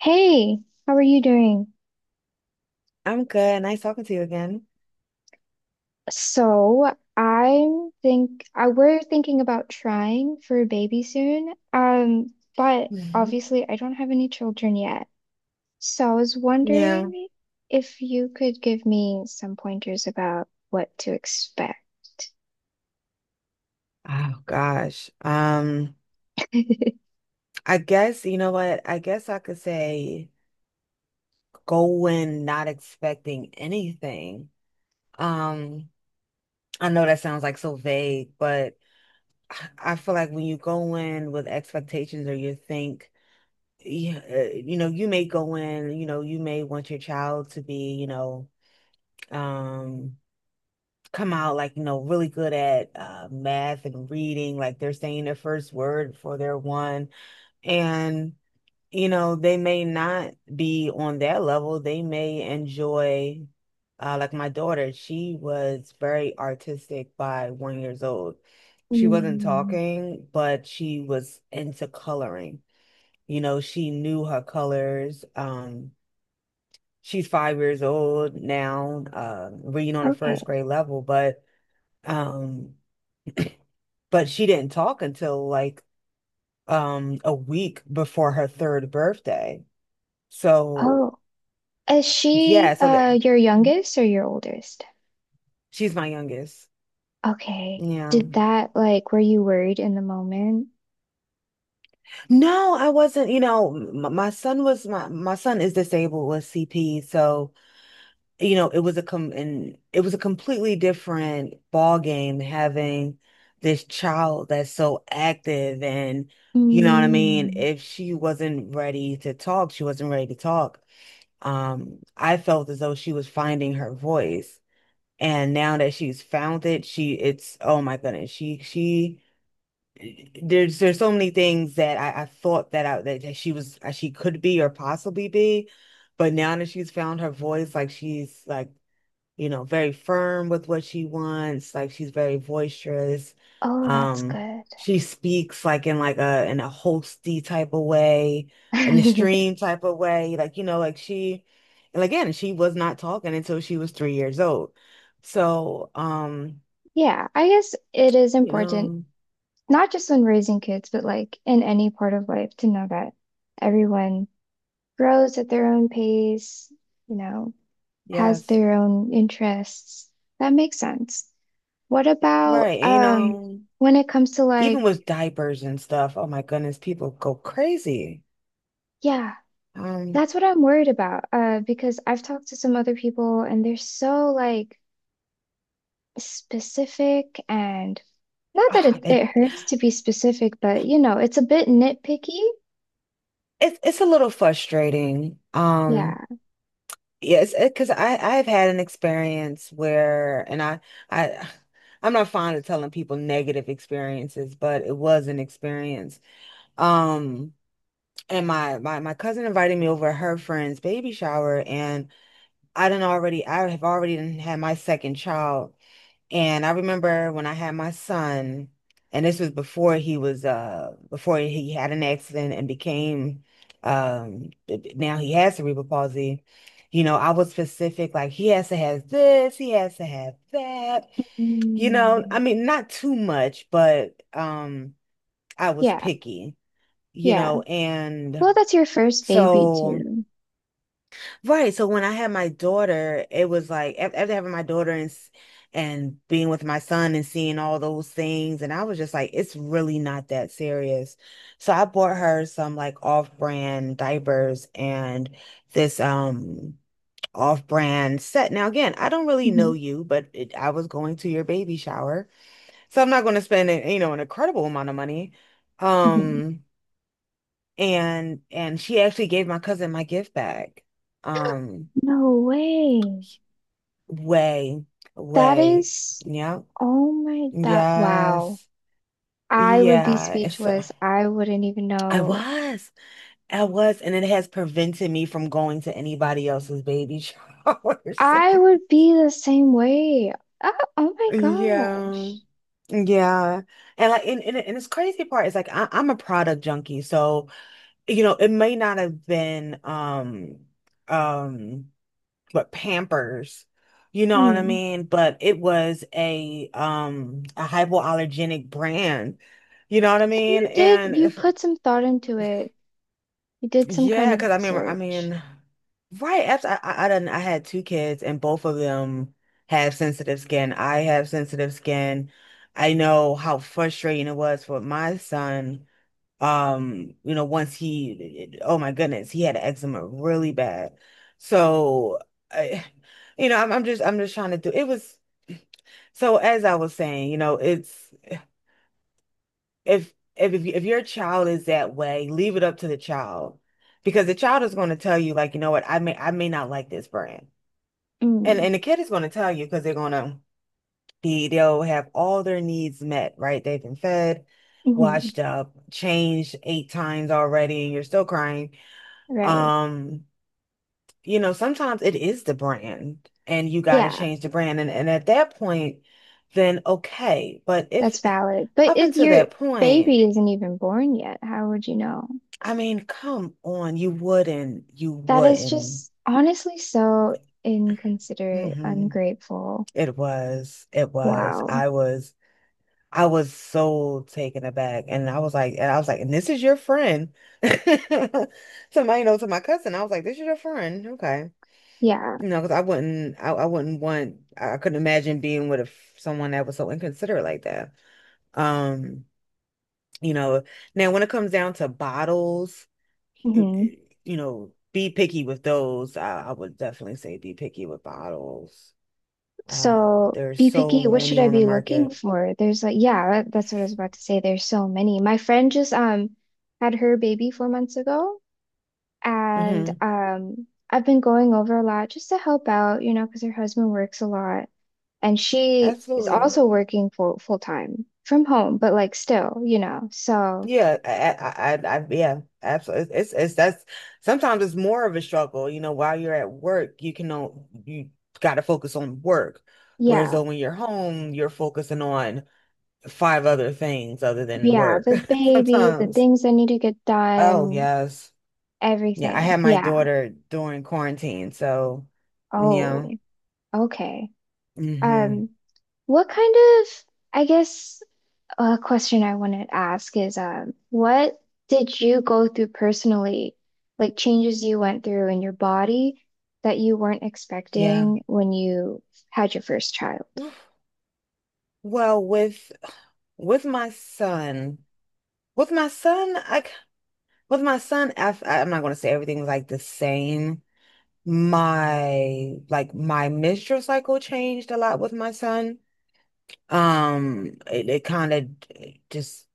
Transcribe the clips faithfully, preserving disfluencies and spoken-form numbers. Hey, how are you doing? I'm good. Nice talking to you again. So, I'm think I we're thinking about trying for a baby soon. Um, but Mhm. obviously I don't have any children yet. So I was Yeah. wondering if you could give me some pointers about what to expect. Oh gosh. Um, I guess you know what? I guess I could say go in not expecting anything. Um, I know that sounds like so vague, but I I feel like when you go in with expectations or you think, yeah, uh, you know, you may go in, you know, you may want your child to be, you know, um come out like you know really good at uh, math and reading, like they're saying their first word for their one. And you know they may not be on that level, they may enjoy, uh, like my daughter, she was very artistic by one years old. She wasn't Mm. talking, but she was into coloring. you know she knew her colors. Um she's five years old now, uh, reading on a Okay. first grade level. But um, But she didn't talk until, like, um a week before her third birthday. So, Oh, is she yeah, so that uh your youngest or your oldest? she's my youngest. Okay. Yeah. Did that like were you worried in the moment? No, I wasn't. you know, m my son was my my son is disabled with C P, so you know, it was a com and it was a completely different ball game having this child that's so active. And you know what I mean? Mm. If she wasn't ready to talk, she wasn't ready to talk. Um, I felt as though she was finding her voice. And now that she's found it, she it's, oh my goodness, she she there's there's so many things that I, I thought that I that, that she was she could be or possibly be, but now that she's found her voice, like she's like you know, very firm with what she wants. Like she's very boisterous. Oh, that's Um, good. she speaks like, in like a in a hosty type of way, an extreme type of way. Like, you know, like she and again, she was not talking until she was three years old. So, um, Yeah, I guess it is you important, know, not just when raising kids, but like in any part of life, to know that everyone grows at their own pace, you know, has yes. their own interests. That makes sense. What about Right. You um know, when it comes to even like, with diapers and stuff, oh my goodness, people go crazy. yeah, Um, that's what I'm worried about. Uh, because I've talked to some other people and they're so like specific, and not that ah, it, it it hurts to be specific, but you know, it's a bit nitpicky. it's it's a little frustrating. Um Yeah. Yes, because I I've had an experience where, and I I I'm not fond of telling people negative experiences, but it was an experience. Um, and my my my cousin invited me over her friend's baby shower, and I done already I have already done had my second child. And I remember when I had my son, and this was before he was uh before he had an accident and became um now he has cerebral palsy. You know, I was specific, like he has to have this, he has to have that. You know, I Mm. mean, not too much, but um I was Yeah. picky, you Yeah. know, and Well, that's your first baby so. too. Right. So when I had my daughter, it was like, af- after having my daughter and s- and being with my son and seeing all those things, and I was just like, it's really not that serious. So I bought her some, like, off-brand diapers and this um off-brand set. Now, again, I don't really know Mhm, you, but it, I was going to your baby shower, so I'm not going to spend a- you know an incredible amount of money. mhm. Um, and and she actually gave my cousin my gift bag. Um. No way. Way, That way. is, Yeah. oh my, that, wow. Yes. I would be Yeah. It's uh, speechless. I wouldn't even I know. was. I was. And it has prevented me from going to anybody else's baby showers. I would be the same way. Oh, oh my Yeah. gosh. Yeah. And, like, and, and and this crazy part is, like, I, I'm a product junkie. So, you know, it may not have been, um um but Pampers. You know what I Mm. mean? But it was a um a hypoallergenic brand. You know what I So mean? you did, you And put some thought into it. You did some kind yeah, of because I remember, I research. mean, right after I, I I done I had two kids, and both of them have sensitive skin. I have sensitive skin. I know how frustrating it was for my son, um, you know, once he, oh my goodness, he had eczema really bad. So, I, you know, I'm, I'm just, I'm just trying to do, it was, so, as I was saying, you know, it's if if if if your child is that way, leave it up to the child, because the child is going to tell you, like, you know what, I may I may not like this brand. And Mm, and the kid is going to tell you, because they're going to be they'll have all their needs met, right? They've been fed, hmm, washed up, changed eight times already, and you're still crying. right. Um, you know, Sometimes it is the brand and you got to Yeah, change the brand. And, and At that point, then okay. But if that's valid. But up if until your that point, baby isn't even born yet, how would you know? I mean, come on, you wouldn't, you That is wouldn't. just honestly so inconsiderate, Hmm. ungrateful. It was, it was. Wow. I was, I was so taken aback. And I was like, and I was like, and this is your friend. Somebody, knows, know, to my cousin, I was like, this is your friend. Okay. Yeah. You know, because I wouldn't, I, I wouldn't want, I I couldn't imagine being with, a, f- someone that was so inconsiderate like that. Um, you know, Now, when it comes down to bottles, it, Hmm. it- you know, be picky with those. I, I would definitely say be picky with bottles. Um, So There's be so picky. What should many I on the be looking market. for? There's like, yeah, that- that's what I was about to say. There's so many. My friend just um had her baby four months ago. And Hmm um, I've been going over a lot just to help out, you know, because her husband works a lot. And she is Absolutely. also working full full time from home, but like still, you know. So Yeah, I, I, I, I- yeah, absolutely. It's, it's, it's that's sometimes, it's more of a struggle. You know, while you're at work, you can know you got to focus on work, whereas yeah, though when you're home, you're focusing on five other things other than yeah, work the baby, the sometimes. things that need to get Oh done, yes, yeah. I everything. had my Yeah. daughter during quarantine, so yeah, Oh, okay. mm-hmm, Um, what kind of, I guess, A question I wanted to ask is, um, what did you go through personally, like changes you went through in your body that you weren't yeah. expecting when you had your first child? Well, with with my son, with my son, I With my son, I, am not going to say everything's like the same. My like my menstrual cycle changed a lot with my son. Um, it, it kind of just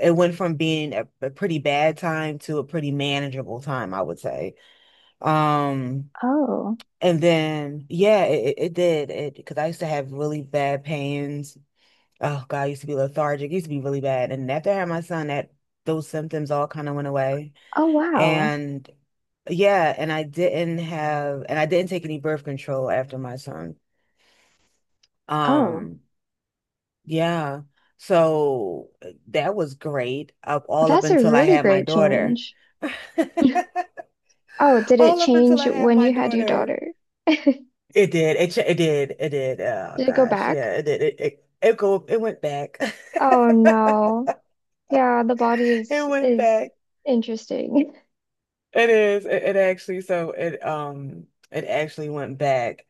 it went from being a, a pretty bad time to a pretty manageable time, I would say. Um, Oh, and then yeah, it, it it did it, because I used to have really bad pains. Oh God, I used to be lethargic. It used to be really bad. And after I had my son, that those symptoms all kind of went away. oh wow. And yeah, and I didn't have and I didn't take any birth control after my son. Oh, Um, yeah. So, uh, that was great, up all up that's a until I really had my great daughter. change. Oh, did it All up until change I had when my you had your daughter. daughter? It did. It ch- it did. It did. Oh Did it go gosh, back? yeah, it did. It it, it go it went back. Oh no. Yeah, the body It is went is back. interesting. It is. It, it actually so it um it actually went back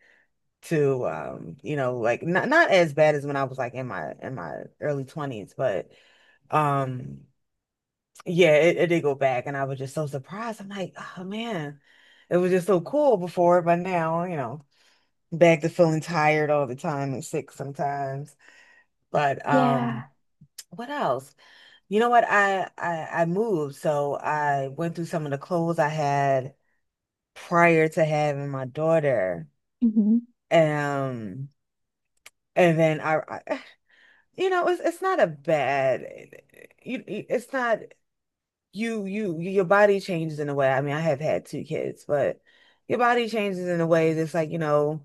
to, um you know like, not not as bad as when I was, like, in my in my early twenties, but um yeah, it, it did go back. And I was just so surprised, I'm like, oh man, it was just so cool before, but now, you know back to feeling tired all the time and sick sometimes. But um Yeah. what else? You know what, I I, I moved, so I went through some of the clothes I had prior to having my daughter. Hmm. um and then, I, I you know, it's it's not a bad. You, it's not you you your body changes in a way. I mean, I have had two kids, but your body changes in a way that's, like, you know,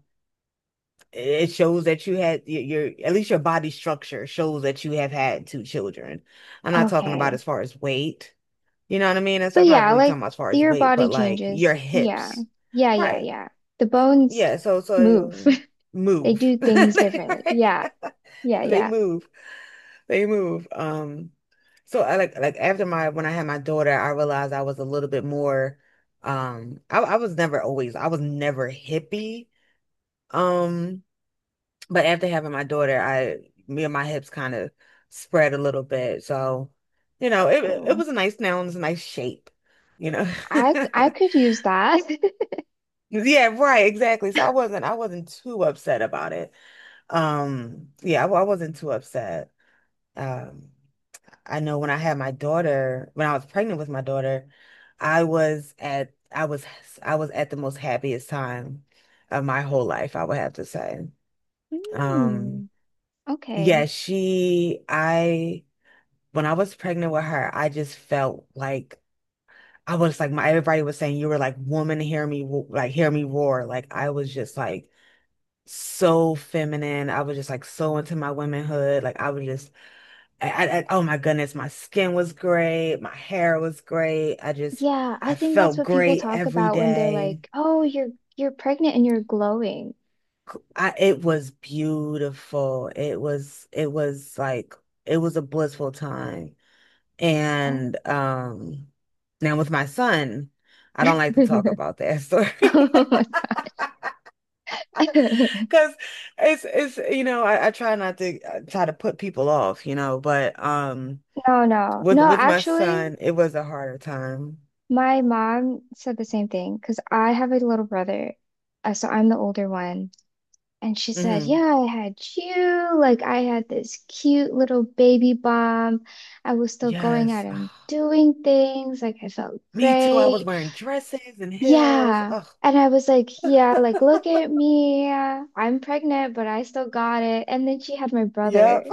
it shows that you had your, your at least your body structure shows that you have had two children. I'm not talking about Okay. as far as weight. You know what I mean? That's But I'm not yeah, really like talking about as far as your weight, body but like your changes. Yeah. hips. Yeah, yeah, Right. yeah. The bones Yeah, so move. so They move. do things differently. Right? Yeah. Yeah, They yeah. move. They move. Um, so I, like like after my when I had my daughter, I realized I was a little bit more. um I, I was never always I was never hippie. Um, but after having my daughter, I me and my hips kind of spread a little bit. So, you know, it it Cool. was a nice now and it's a nice shape, you know. I I could use that. Yeah, right, exactly. So, I wasn't I wasn't too upset about it. Um, yeah, I, I wasn't too upset. Um I know when I had my daughter, when I was pregnant with my daughter, I was at I was I was at the most happiest time of my whole life, I would have to say. Um, Hmm. Okay. yeah, she I when I was pregnant with her, I just felt like, I was like, my everybody was saying you were like, woman, hear me wo- like hear me roar. Like, I was just like, so feminine. I was just like, so into my womanhood. Like I was just I, I, I- oh my goodness, my skin was great, my hair was great. I just, Yeah, I I think that's felt what people great talk every about when they're day. like, "Oh, you're you're pregnant and you're glowing." I, it was beautiful. It was, it was like, it was a blissful time. Oh. And um, now with my son, I don't like to talk about that story Oh my— because it's, it's, you know, I, I try not to I try to put people off, you know, but um, No, no. with No, with my actually, son, it was a harder time. my mom said the same thing because I have a little brother. Uh, so I'm the older one. And she said, Mm-hmm. yeah, I had you. Like, I had this cute little baby bump. I was still going out Yes. and Ah, doing things. Like, I felt me too. I was great. wearing dresses and heels. Yeah. Ugh, And I was like, yeah, like, look at me. I'm pregnant, but I still got it. And then she had my brother. yep.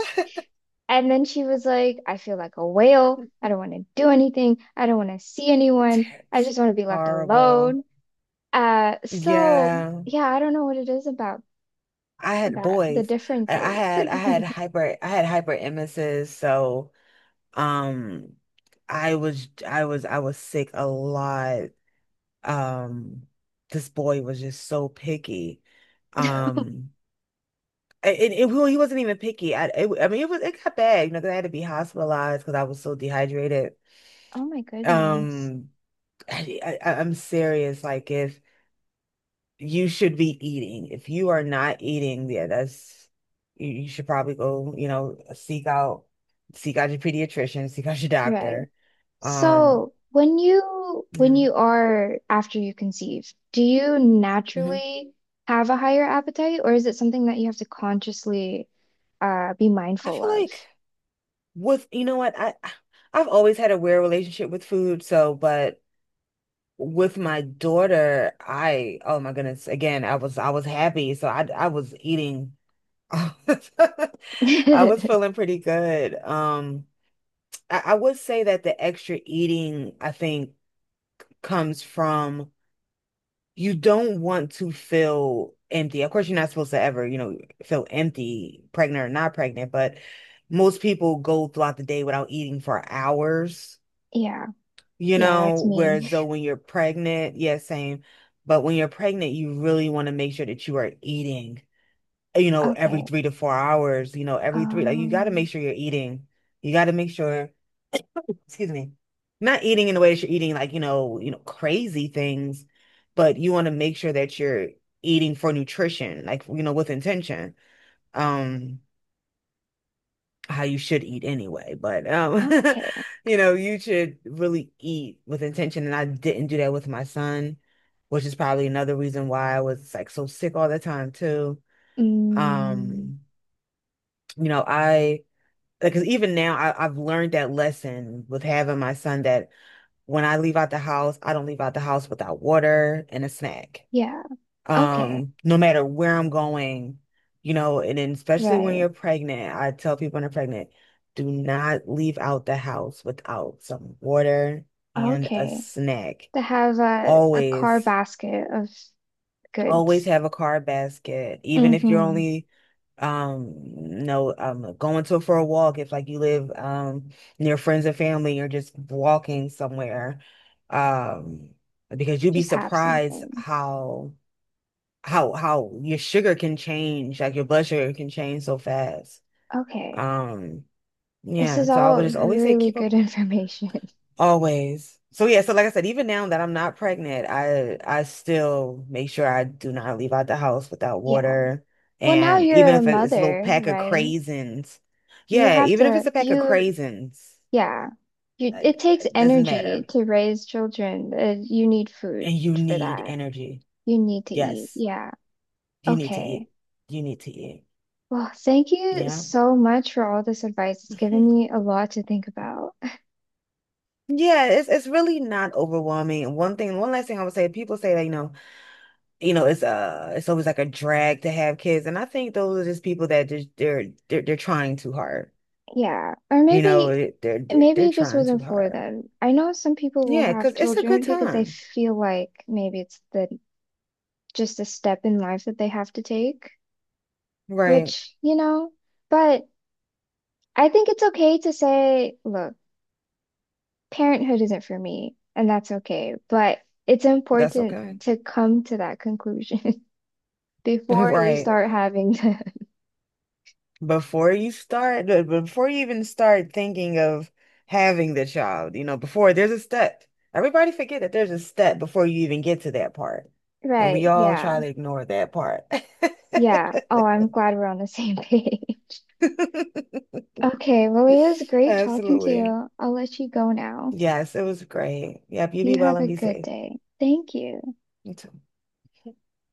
And then she was like, I feel like a whale. I don't want to do anything. I don't want to see anyone. I It's just want to be left horrible. alone. Uh, so, Yeah. yeah, I don't know what it is about I had that, the boys. I, I differences. had I had hyper I had hyper emesis, so um I was I was I was sick a lot. Um this boy was just so picky. Um and and it, well, he wasn't even picky. I it, I mean it was it got bad, you know, 'cause I had to be hospitalized because I was so dehydrated. Oh my goodness. Um I, I- I'm serious. Like if you should be eating, if you are not eating, yeah, that's you, you should probably go, you know, seek out seek out your pediatrician, seek out your Right. doctor. Um, So when you when yeah. you are after you conceive, do you Hmm. naturally have a higher appetite, or is it something that you have to consciously uh be I mindful feel of? like with you know what, I I've always had a weird relationship with food, so but with my daughter, I oh my goodness, again, I was I was happy, so I I was eating. I was feeling pretty good. Um, I, I would say that the extra eating, I think, comes from you don't want to feel empty. Of course, you're not supposed to ever, you know, feel empty, pregnant or not pregnant, but most people go throughout the day without eating for hours, Yeah. you Yeah, know, that's whereas me. though when you're pregnant, yeah, same. But when you're pregnant, you really want to make sure that you are eating, you know, every Okay. three to four hours, you know, every three, like you got to make Um, sure you're eating. You got to make sure. Excuse me, not eating in the way that you're eating like, you know, you know, crazy things, but you want to make sure that you're eating for nutrition, like, you know, with intention. Um, how you should eat anyway, but um, okay. you know, you should really eat with intention. And I didn't do that with my son, which is probably another reason why I was like so sick all the time too. Mm, Um, you know, I because even now I, I've learned that lesson with having my son that when I leave out the house, I don't leave out the house without water and a snack. yeah. Okay. Um, no matter where I'm going, you know, and then especially when Right. you're pregnant, I tell people when they're pregnant, do not leave out the house without some water and a Okay. snack. To have a a car Always, basket of always goods. have a card basket, even if you're Mm-hmm. only um no um going to for a walk if like you live um near friends and family, you're just walking somewhere, um because you'd be Just have surprised something. how how how your sugar can change, like your blood sugar can change so fast. Okay. um This yeah, is so I all would just always say really keep a good information. always. So yeah, so like I said, even now that I'm not pregnant, I I still make sure I do not leave out the house without Yeah. water. Well, now And even you're a if it's a little mother, pack of right? craisins, You yeah, have even if to, it's a pack of you, craisins, yeah. You, uh, it takes it doesn't energy matter. to raise children. Uh, you need food And you for need that. energy. You need to eat. Yes, Yeah. you need to eat. Okay. You need to eat. Well, thank you Yeah. so much for all this advice. It's given me a lot to think about. Yeah, it's it's really not overwhelming. And one thing, one last thing I would say, people say that, you know, you know, it's uh it's always like a drag to have kids. And I think those are just people that just they're they're they're trying too hard. Yeah. Or You know, maybe, it- they're they're, maybe they're it just trying too wasn't for hard. them. I know some people will Yeah, have because it's a good children because they time. feel like maybe it's the just a step in life that they have to take, Right. which, you know, but I think it's okay to say, look, parenthood isn't for me, and that's okay. But it's That's important okay. to come to that conclusion before you Right. start right. Having to. Before you start, b- before you even start thinking of having the child, you know, before there's a step. Everybody forget that there's a step before you even get to that part. And Right. we all try Yeah. to ignore that part. Yeah. Oh, I'm glad we're on the same page. Okay. Well, it was great talking to Absolutely. you. I'll let you go now. Yes, it was great. Yep, you You be well have a and be good safe. day. Thank you. You too.